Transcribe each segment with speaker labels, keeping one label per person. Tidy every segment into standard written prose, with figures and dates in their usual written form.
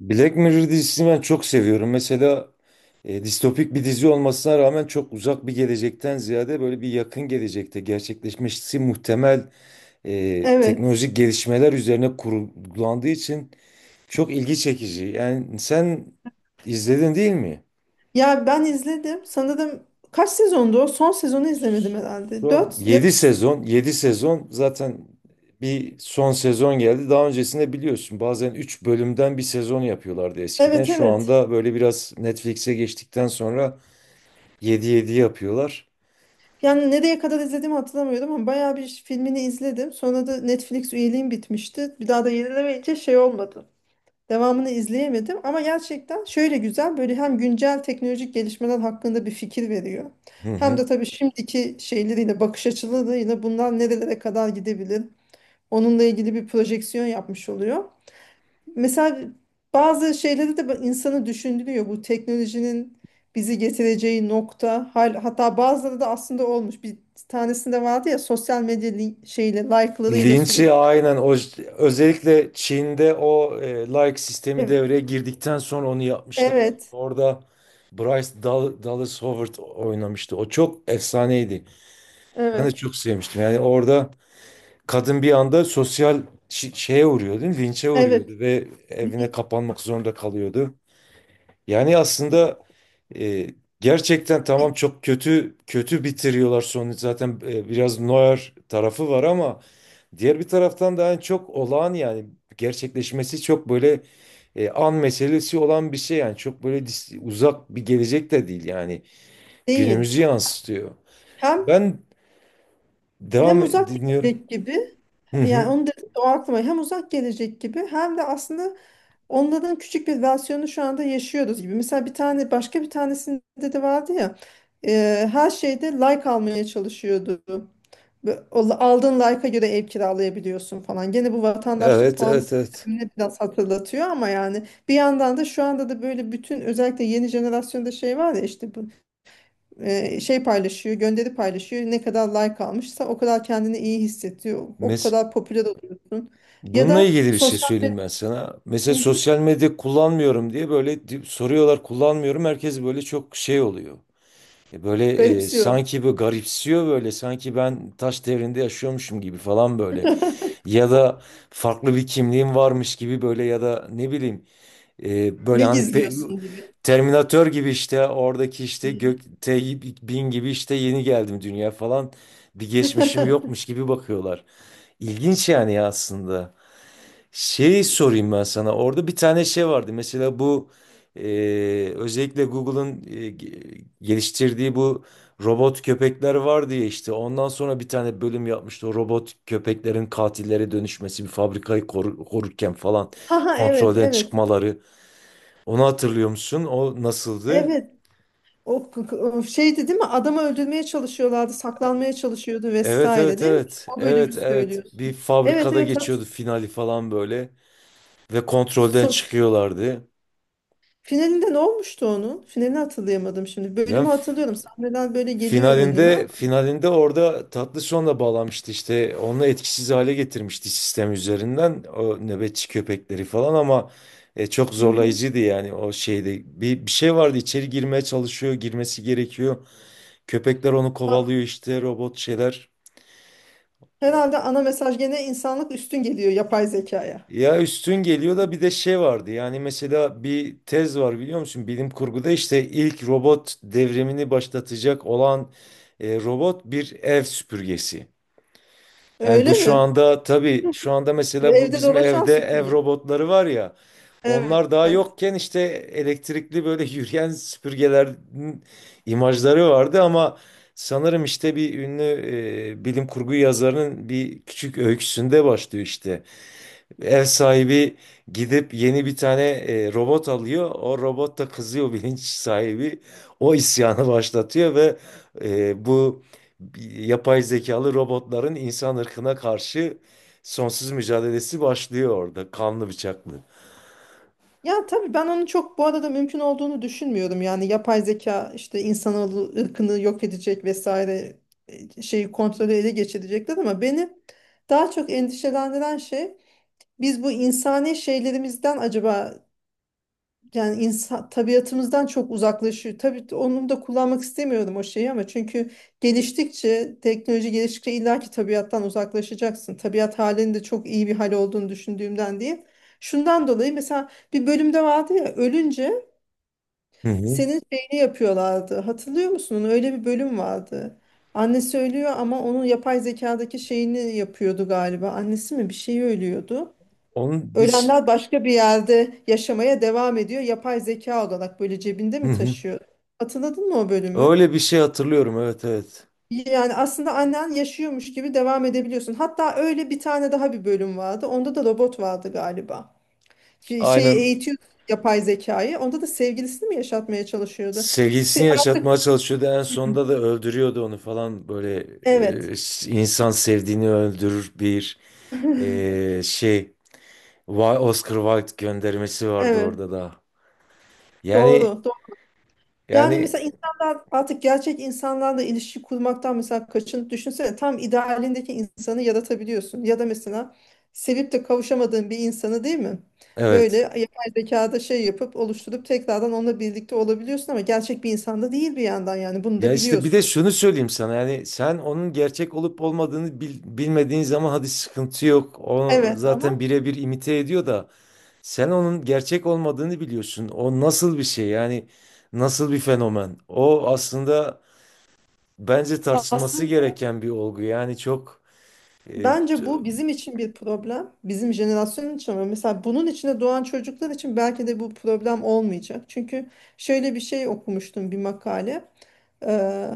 Speaker 1: Black Mirror dizisini ben çok seviyorum. Mesela distopik bir dizi olmasına rağmen çok uzak bir gelecekten ziyade böyle bir yakın gelecekte gerçekleşmesi muhtemel
Speaker 2: Evet.
Speaker 1: teknolojik gelişmeler üzerine kurgulandığı için çok ilgi çekici. Yani sen izledin değil mi?
Speaker 2: Ya ben izledim. Sanırım kaç sezondu o? Son sezonu izlemedim herhalde.
Speaker 1: Son
Speaker 2: Dört ya da...
Speaker 1: 7 sezon, 7 sezon zaten bir son sezon geldi. Daha öncesinde biliyorsun bazen 3 bölümden bir sezon yapıyorlardı eskiden.
Speaker 2: Evet
Speaker 1: Şu
Speaker 2: evet.
Speaker 1: anda böyle biraz Netflix'e geçtikten sonra yedi yedi yapıyorlar.
Speaker 2: Yani nereye kadar izlediğimi hatırlamıyorum ama bayağı bir filmini izledim. Sonra da Netflix üyeliğim bitmişti. Bir daha da yenilemeyince şey olmadı. Devamını izleyemedim ama gerçekten şöyle güzel böyle hem güncel teknolojik gelişmeler hakkında bir fikir veriyor.
Speaker 1: Hı
Speaker 2: Hem de
Speaker 1: hı.
Speaker 2: tabii şimdiki şeyleriyle bakış açılarıyla bunlar nerelere kadar gidebilir. Onunla ilgili bir projeksiyon yapmış oluyor. Mesela bazı şeyleri de insanı düşündürüyor. Bu teknolojinin bizi getireceği nokta. Hatta bazıları da aslında olmuş. Bir tanesinde vardı ya sosyal medya şeyle like'larıyla
Speaker 1: Linç'i
Speaker 2: sürekli.
Speaker 1: aynen o özellikle Çin'de o like sistemi
Speaker 2: Evet.
Speaker 1: devreye girdikten sonra onu yapmışlardı.
Speaker 2: Evet.
Speaker 1: Orada Dallas Howard oynamıştı. O çok efsaneydi. Ben de
Speaker 2: Evet.
Speaker 1: çok sevmiştim. Yani orada kadın bir anda sosyal şeye uğruyordu, değil mi? Linçe uğruyordu
Speaker 2: Evet.
Speaker 1: ve evine
Speaker 2: Li-
Speaker 1: kapanmak zorunda kalıyordu. Yani aslında e, gerçekten tamam çok kötü kötü bitiriyorlar sonu zaten biraz Neuer tarafı var ama diğer bir taraftan da yani çok olağan yani gerçekleşmesi çok böyle an meselesi olan bir şey yani çok böyle uzak bir gelecek de değil yani
Speaker 2: Değil.
Speaker 1: günümüzü yansıtıyor.
Speaker 2: Hem
Speaker 1: Ben
Speaker 2: hem
Speaker 1: devam
Speaker 2: uzak
Speaker 1: dinliyorum.
Speaker 2: gelecek gibi
Speaker 1: Hı
Speaker 2: yani
Speaker 1: hı.
Speaker 2: onu dedim de o aklıma hem uzak gelecek gibi hem de aslında onların küçük bir versiyonu şu anda yaşıyoruz gibi. Mesela bir tane başka bir tanesinde de vardı ya her şeyde like almaya çalışıyordu. Ve o aldığın like'a göre ev kiralayabiliyorsun falan. Gene bu vatandaşlık
Speaker 1: Evet
Speaker 2: puanı
Speaker 1: evet evet.
Speaker 2: sistemini biraz hatırlatıyor ama yani bir yandan da şu anda da böyle bütün özellikle yeni jenerasyonda şey var ya işte bu şey paylaşıyor, gönderi paylaşıyor. Ne kadar like almışsa o kadar kendini iyi hissediyor. O
Speaker 1: Mes
Speaker 2: kadar popüler oluyorsun. Ya
Speaker 1: Bununla
Speaker 2: da
Speaker 1: ilgili bir şey
Speaker 2: sosyal medya.
Speaker 1: söyleyeyim ben sana. Mesela
Speaker 2: Hı hı.
Speaker 1: sosyal medya kullanmıyorum diye böyle soruyorlar kullanmıyorum. Herkes böyle çok şey oluyor. Böyle
Speaker 2: Garipsiyor.
Speaker 1: sanki bu garipsiyor böyle sanki ben taş devrinde yaşıyormuşum gibi falan böyle. Ya da farklı bir kimliğim varmış gibi böyle ya da ne bileyim böyle
Speaker 2: Ne
Speaker 1: hani
Speaker 2: gizliyorsun gibi.
Speaker 1: Terminator gibi işte oradaki işte
Speaker 2: Hı.
Speaker 1: gökte bin gibi işte yeni geldim dünya falan bir geçmişim yokmuş gibi bakıyorlar. İlginç yani aslında. Şey sorayım ben sana. Orada bir tane şey vardı. Mesela bu özellikle Google'ın geliştirdiği bu robot köpekler vardı ya işte. Ondan sonra bir tane bölüm yapmıştı. O robot köpeklerin katillere dönüşmesi, bir fabrikayı korurken falan
Speaker 2: Ha ha, evet
Speaker 1: kontrolden
Speaker 2: evet.
Speaker 1: çıkmaları. Onu hatırlıyor musun? O nasıldı?
Speaker 2: Evet. O, o şeydi değil mi? Adamı öldürmeye çalışıyorlardı, saklanmaya çalışıyordu
Speaker 1: Evet
Speaker 2: vesaire
Speaker 1: evet
Speaker 2: değil mi?
Speaker 1: evet.
Speaker 2: O bölümü
Speaker 1: Evet evet. Bir
Speaker 2: söylüyorsun. Evet
Speaker 1: fabrikada
Speaker 2: evet. Hat
Speaker 1: geçiyordu finali falan böyle ve kontrolden
Speaker 2: so-
Speaker 1: çıkıyorlardı.
Speaker 2: Finalinde ne olmuştu onun? Finalini hatırlayamadım şimdi.
Speaker 1: Yani
Speaker 2: Bölümü hatırlıyorum. Sahneler böyle geliyor önüme
Speaker 1: Finalinde
Speaker 2: ama.
Speaker 1: finalinde orada tatlı sonla bağlamıştı işte onu etkisiz hale getirmişti sistem üzerinden o nöbetçi köpekleri falan ama çok
Speaker 2: Hı hı.
Speaker 1: zorlayıcıydı yani o şeyde bir şey vardı içeri girmeye çalışıyor girmesi gerekiyor köpekler onu
Speaker 2: A-
Speaker 1: kovalıyor işte robot şeyler
Speaker 2: Herhalde ana mesaj gene insanlık üstün geliyor yapay zekaya.
Speaker 1: ya üstün geliyor da bir de şey vardı yani mesela bir tez var biliyor musun bilim kurguda işte ilk robot devrimini başlatacak olan robot bir ev süpürgesi. Yani
Speaker 2: Öyle
Speaker 1: bu şu
Speaker 2: mi?
Speaker 1: anda tabii şu anda
Speaker 2: Ve
Speaker 1: mesela bu
Speaker 2: evet, evde
Speaker 1: bizim
Speaker 2: dolaşan
Speaker 1: evde ev
Speaker 2: süpürge.
Speaker 1: robotları var ya.
Speaker 2: Evet.
Speaker 1: Onlar daha yokken işte elektrikli böyle yürüyen süpürgelerin imajları vardı ama sanırım işte bir ünlü bilim kurgu yazarının bir küçük öyküsünde başlıyor işte. Ev sahibi gidip yeni bir tane robot alıyor. O robot da kızıyor bilinç sahibi. O isyanı başlatıyor ve bu yapay zekalı robotların insan ırkına karşı sonsuz mücadelesi başlıyor orada. Kanlı bıçaklı.
Speaker 2: Ya tabii ben onu çok bu arada mümkün olduğunu düşünmüyorum. Yani yapay zeka işte insanoğlu ırkını yok edecek vesaire şeyi kontrolü ele geçirecekler ama beni daha çok endişelendiren şey biz bu insani şeylerimizden acaba yani insan tabiatımızdan çok uzaklaşıyor. Tabii onu da kullanmak istemiyorum o şeyi ama çünkü geliştikçe, teknoloji geliştikçe illaki tabiattan uzaklaşacaksın. Tabiat halinin de çok iyi bir hal olduğunu düşündüğümden değil. Şundan dolayı mesela bir bölümde vardı ya ölünce
Speaker 1: Hı hı.
Speaker 2: senin şeyini yapıyorlardı. Hatırlıyor musun onu? Öyle bir bölüm vardı. Annesi ölüyor ama onun yapay zekadaki şeyini yapıyordu galiba. Annesi mi bir şeyi ölüyordu.
Speaker 1: Onun bir ş-.
Speaker 2: Ölenler başka bir yerde yaşamaya devam ediyor. Yapay zeka olarak böyle cebinde
Speaker 1: Hı
Speaker 2: mi
Speaker 1: hı.
Speaker 2: taşıyor? Hatırladın mı o bölümü?
Speaker 1: Öyle bir şey hatırlıyorum. Evet evet.
Speaker 2: Yani aslında annen yaşıyormuş gibi devam edebiliyorsun. Hatta öyle bir tane daha bir bölüm vardı. Onda da robot vardı galiba. Şeyi
Speaker 1: Aynen
Speaker 2: eğitiyor yapay zekayı. Onda da sevgilisini mi yaşatmaya çalışıyordu?
Speaker 1: sevgilisini
Speaker 2: Se- artık
Speaker 1: yaşatmaya çalışıyordu. En sonunda da öldürüyordu onu falan. Böyle
Speaker 2: evet.
Speaker 1: e, insan sevdiğini öldürür bir şey. Oscar Wilde göndermesi vardı
Speaker 2: Evet.
Speaker 1: orada da. Yani
Speaker 2: Doğru.
Speaker 1: yani
Speaker 2: Yani mesela insanlar artık gerçek insanlarla ilişki kurmaktan mesela kaçın, düşünsene tam idealindeki insanı yaratabiliyorsun. Ya da mesela sevip de kavuşamadığın bir insanı, değil mi? Böyle
Speaker 1: evet.
Speaker 2: yapay zekada şey yapıp oluşturup tekrardan onunla birlikte olabiliyorsun ama gerçek bir insanda değil bir yandan yani bunu
Speaker 1: Ya
Speaker 2: da
Speaker 1: işte bir de
Speaker 2: biliyorsun.
Speaker 1: şunu söyleyeyim sana yani sen onun gerçek olup olmadığını bilmediğin zaman hadi sıkıntı yok. O
Speaker 2: Evet ama
Speaker 1: zaten birebir imite ediyor da sen onun gerçek olmadığını biliyorsun. O nasıl bir şey yani nasıl bir fenomen? O aslında bence tartışılması
Speaker 2: aslında
Speaker 1: gereken bir olgu. Yani çok e, t-
Speaker 2: bence bu bizim için bir problem. Bizim jenerasyon için ama mesela bunun içinde doğan çocuklar için belki de bu problem olmayacak. Çünkü şöyle bir şey okumuştum, bir makale. Eee,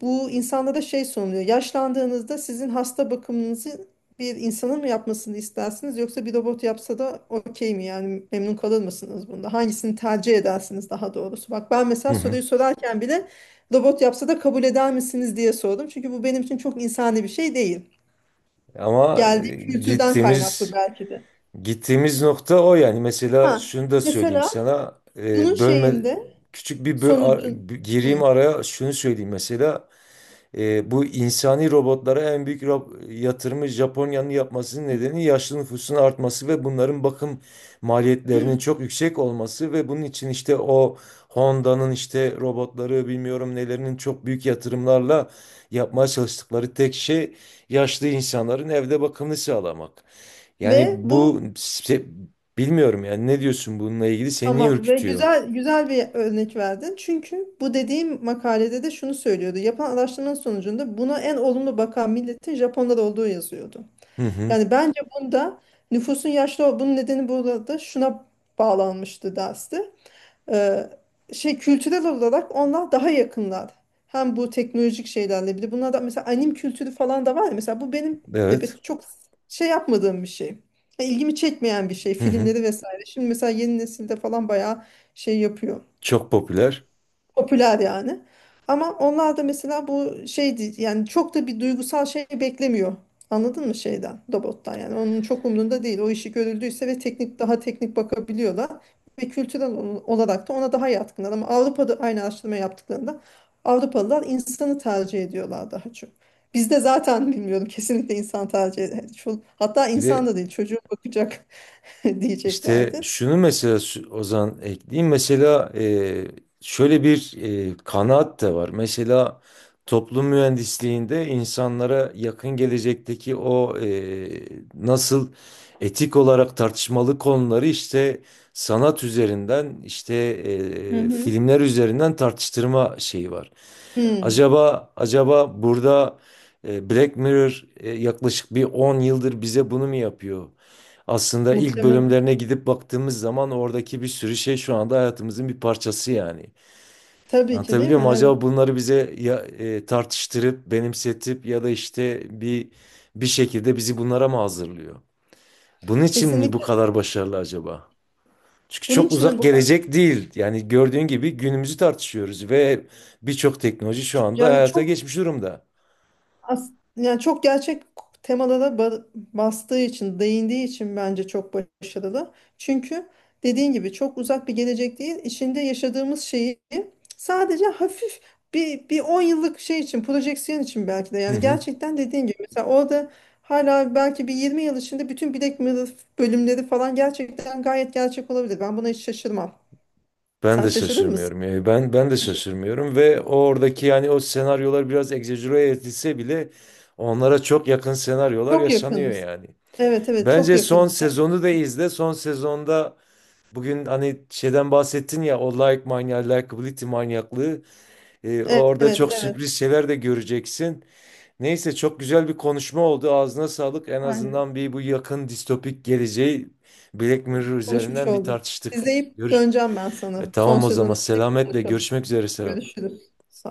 Speaker 2: bu insanlara şey sunuluyor. Yaşlandığınızda sizin hasta bakımınızı bir insanın mı yapmasını istersiniz yoksa bir robot yapsa da okey mi? Yani memnun kalır mısınız bunda? Hangisini tercih edersiniz daha doğrusu? Bak ben
Speaker 1: Hı
Speaker 2: mesela
Speaker 1: hı.
Speaker 2: soruyu sorarken bile robot yapsa da kabul eder misiniz diye sordum. Çünkü bu benim için çok insani bir şey değil.
Speaker 1: Ama
Speaker 2: Geldiğim kültürden kaynaklı
Speaker 1: gittiğimiz
Speaker 2: belki de.
Speaker 1: gittiğimiz nokta o yani. Mesela
Speaker 2: Ha,
Speaker 1: şunu da söyleyeyim
Speaker 2: mesela
Speaker 1: sana.
Speaker 2: bunun
Speaker 1: Bölme
Speaker 2: şeyinde
Speaker 1: küçük bir
Speaker 2: sonucun.
Speaker 1: gireyim
Speaker 2: Hı,
Speaker 1: araya şunu söyleyeyim mesela. Bu insani robotlara en büyük yatırımı Japonya'nın yapmasının nedeni yaşlı nüfusun artması ve bunların bakım
Speaker 2: hı.
Speaker 1: maliyetlerinin çok yüksek olması ve bunun için işte o Honda'nın işte robotları bilmiyorum nelerinin çok büyük yatırımlarla yapmaya çalıştıkları tek şey yaşlı insanların evde bakımını sağlamak. Yani
Speaker 2: Ve
Speaker 1: bu
Speaker 2: bu.
Speaker 1: bilmiyorum yani ne diyorsun bununla ilgili seni niye
Speaker 2: Tamam ve
Speaker 1: ürkütüyor?
Speaker 2: güzel güzel bir örnek verdin. Çünkü bu dediğim makalede de şunu söylüyordu. Yapılan araştırmanın sonucunda buna en olumlu bakan milletin Japonlar olduğu yazıyordu.
Speaker 1: Hı hı,
Speaker 2: Yani bence bunda nüfusun yaşlı, bunun nedeni burada şuna bağlanmıştı derste, e, şey, kültürel olarak onlar daha yakınlar. Hem bu teknolojik şeylerle bir de bunlar da mesela anim kültürü falan da var ya mesela bu benim de
Speaker 1: evet.
Speaker 2: çok şey yapmadığım bir şey. Ya ilgimi çekmeyen bir şey
Speaker 1: Hı hı.
Speaker 2: filmleri vesaire. Şimdi mesela yeni nesilde falan bayağı şey yapıyor.
Speaker 1: Çok popüler.
Speaker 2: Popüler yani. Ama onlar da mesela bu şeydi yani çok da bir duygusal şey beklemiyor. Anladın mı şeyden, robottan yani. Onun çok umrunda değil. O işi görüldüyse ve teknik, daha teknik bakabiliyorlar. Ve kültürel olarak da ona daha yatkınlar. Ama Avrupa'da aynı araştırma yaptıklarında Avrupalılar insanı tercih ediyorlar daha çok. Bizde zaten bilmiyorum, kesinlikle insan tercih ediyor. Hatta
Speaker 1: Bir
Speaker 2: insan
Speaker 1: de
Speaker 2: da değil, çocuğu bakacak
Speaker 1: İşte
Speaker 2: diyeceklerdi.
Speaker 1: şunu mesela Ozan ekleyeyim. Mesela şöyle bir kanaat da var. Mesela toplum mühendisliğinde insanlara yakın gelecekteki o nasıl etik olarak tartışmalı konuları işte sanat üzerinden işte
Speaker 2: Hı hı.
Speaker 1: filmler üzerinden tartıştırma şeyi var.
Speaker 2: Hmm,
Speaker 1: Acaba burada Black Mirror yaklaşık bir 10 yıldır bize bunu mu yapıyor? Aslında ilk
Speaker 2: muhtemelen.
Speaker 1: bölümlerine gidip baktığımız zaman oradaki bir sürü şey şu anda hayatımızın bir parçası yani.
Speaker 2: Tabii ki, değil
Speaker 1: Anlatabiliyor
Speaker 2: mi?
Speaker 1: muyum? Acaba
Speaker 2: Evet.
Speaker 1: bunları bize ya, tartıştırıp, benimsetip ya da işte bir şekilde bizi bunlara mı hazırlıyor? Bunun için mi bu
Speaker 2: Kesinlikle.
Speaker 1: kadar başarılı acaba? Çünkü
Speaker 2: Bunun
Speaker 1: çok
Speaker 2: için de
Speaker 1: uzak
Speaker 2: bu ka-
Speaker 1: gelecek değil. Yani gördüğün gibi günümüzü tartışıyoruz ve birçok teknoloji şu anda
Speaker 2: yani
Speaker 1: hayata
Speaker 2: çok,
Speaker 1: geçmiş durumda.
Speaker 2: Yani çok gerçek temada da bastığı için, değindiği için bence çok başarılı. Çünkü dediğin gibi çok uzak bir gelecek değil. İçinde yaşadığımız şeyi sadece hafif bir 10 yıllık şey için, projeksiyon için belki de.
Speaker 1: Hı
Speaker 2: Yani
Speaker 1: hı.
Speaker 2: gerçekten dediğin gibi mesela orada hala belki bir 20 yıl içinde bütün Black Mirror bölümleri falan gerçekten gayet gerçek olabilir. Ben buna hiç şaşırmam.
Speaker 1: Ben
Speaker 2: Sen
Speaker 1: de
Speaker 2: şaşırdın mısın?
Speaker 1: şaşırmıyorum. Yani ben de
Speaker 2: Şaş-
Speaker 1: şaşırmıyorum ve oradaki yani o senaryolar biraz egzajere edilse bile onlara çok yakın senaryolar
Speaker 2: çok
Speaker 1: yaşanıyor
Speaker 2: yakınız.
Speaker 1: yani.
Speaker 2: Evet evet çok
Speaker 1: Bence son
Speaker 2: yakınız. Yani,
Speaker 1: sezonu da izle. Son sezonda bugün hani şeyden bahsettin ya o like manyağı, likability manyaklığı.
Speaker 2: evet
Speaker 1: Orada çok
Speaker 2: evet.
Speaker 1: sürpriz şeyler de göreceksin. Neyse çok güzel bir konuşma oldu. Ağzına sağlık. En
Speaker 2: Aynen.
Speaker 1: azından bir bu yakın distopik geleceği Black Mirror
Speaker 2: Konuşmuş
Speaker 1: üzerinden bir
Speaker 2: olduk.
Speaker 1: tartıştık.
Speaker 2: İzleyip
Speaker 1: Görüşürüz.
Speaker 2: döneceğim ben sana. Son
Speaker 1: Tamam o
Speaker 2: sezonu
Speaker 1: zaman
Speaker 2: izleyip
Speaker 1: selametle
Speaker 2: konuşalım.
Speaker 1: görüşmek üzere Serap.
Speaker 2: Görüşürüz. Sağ ol.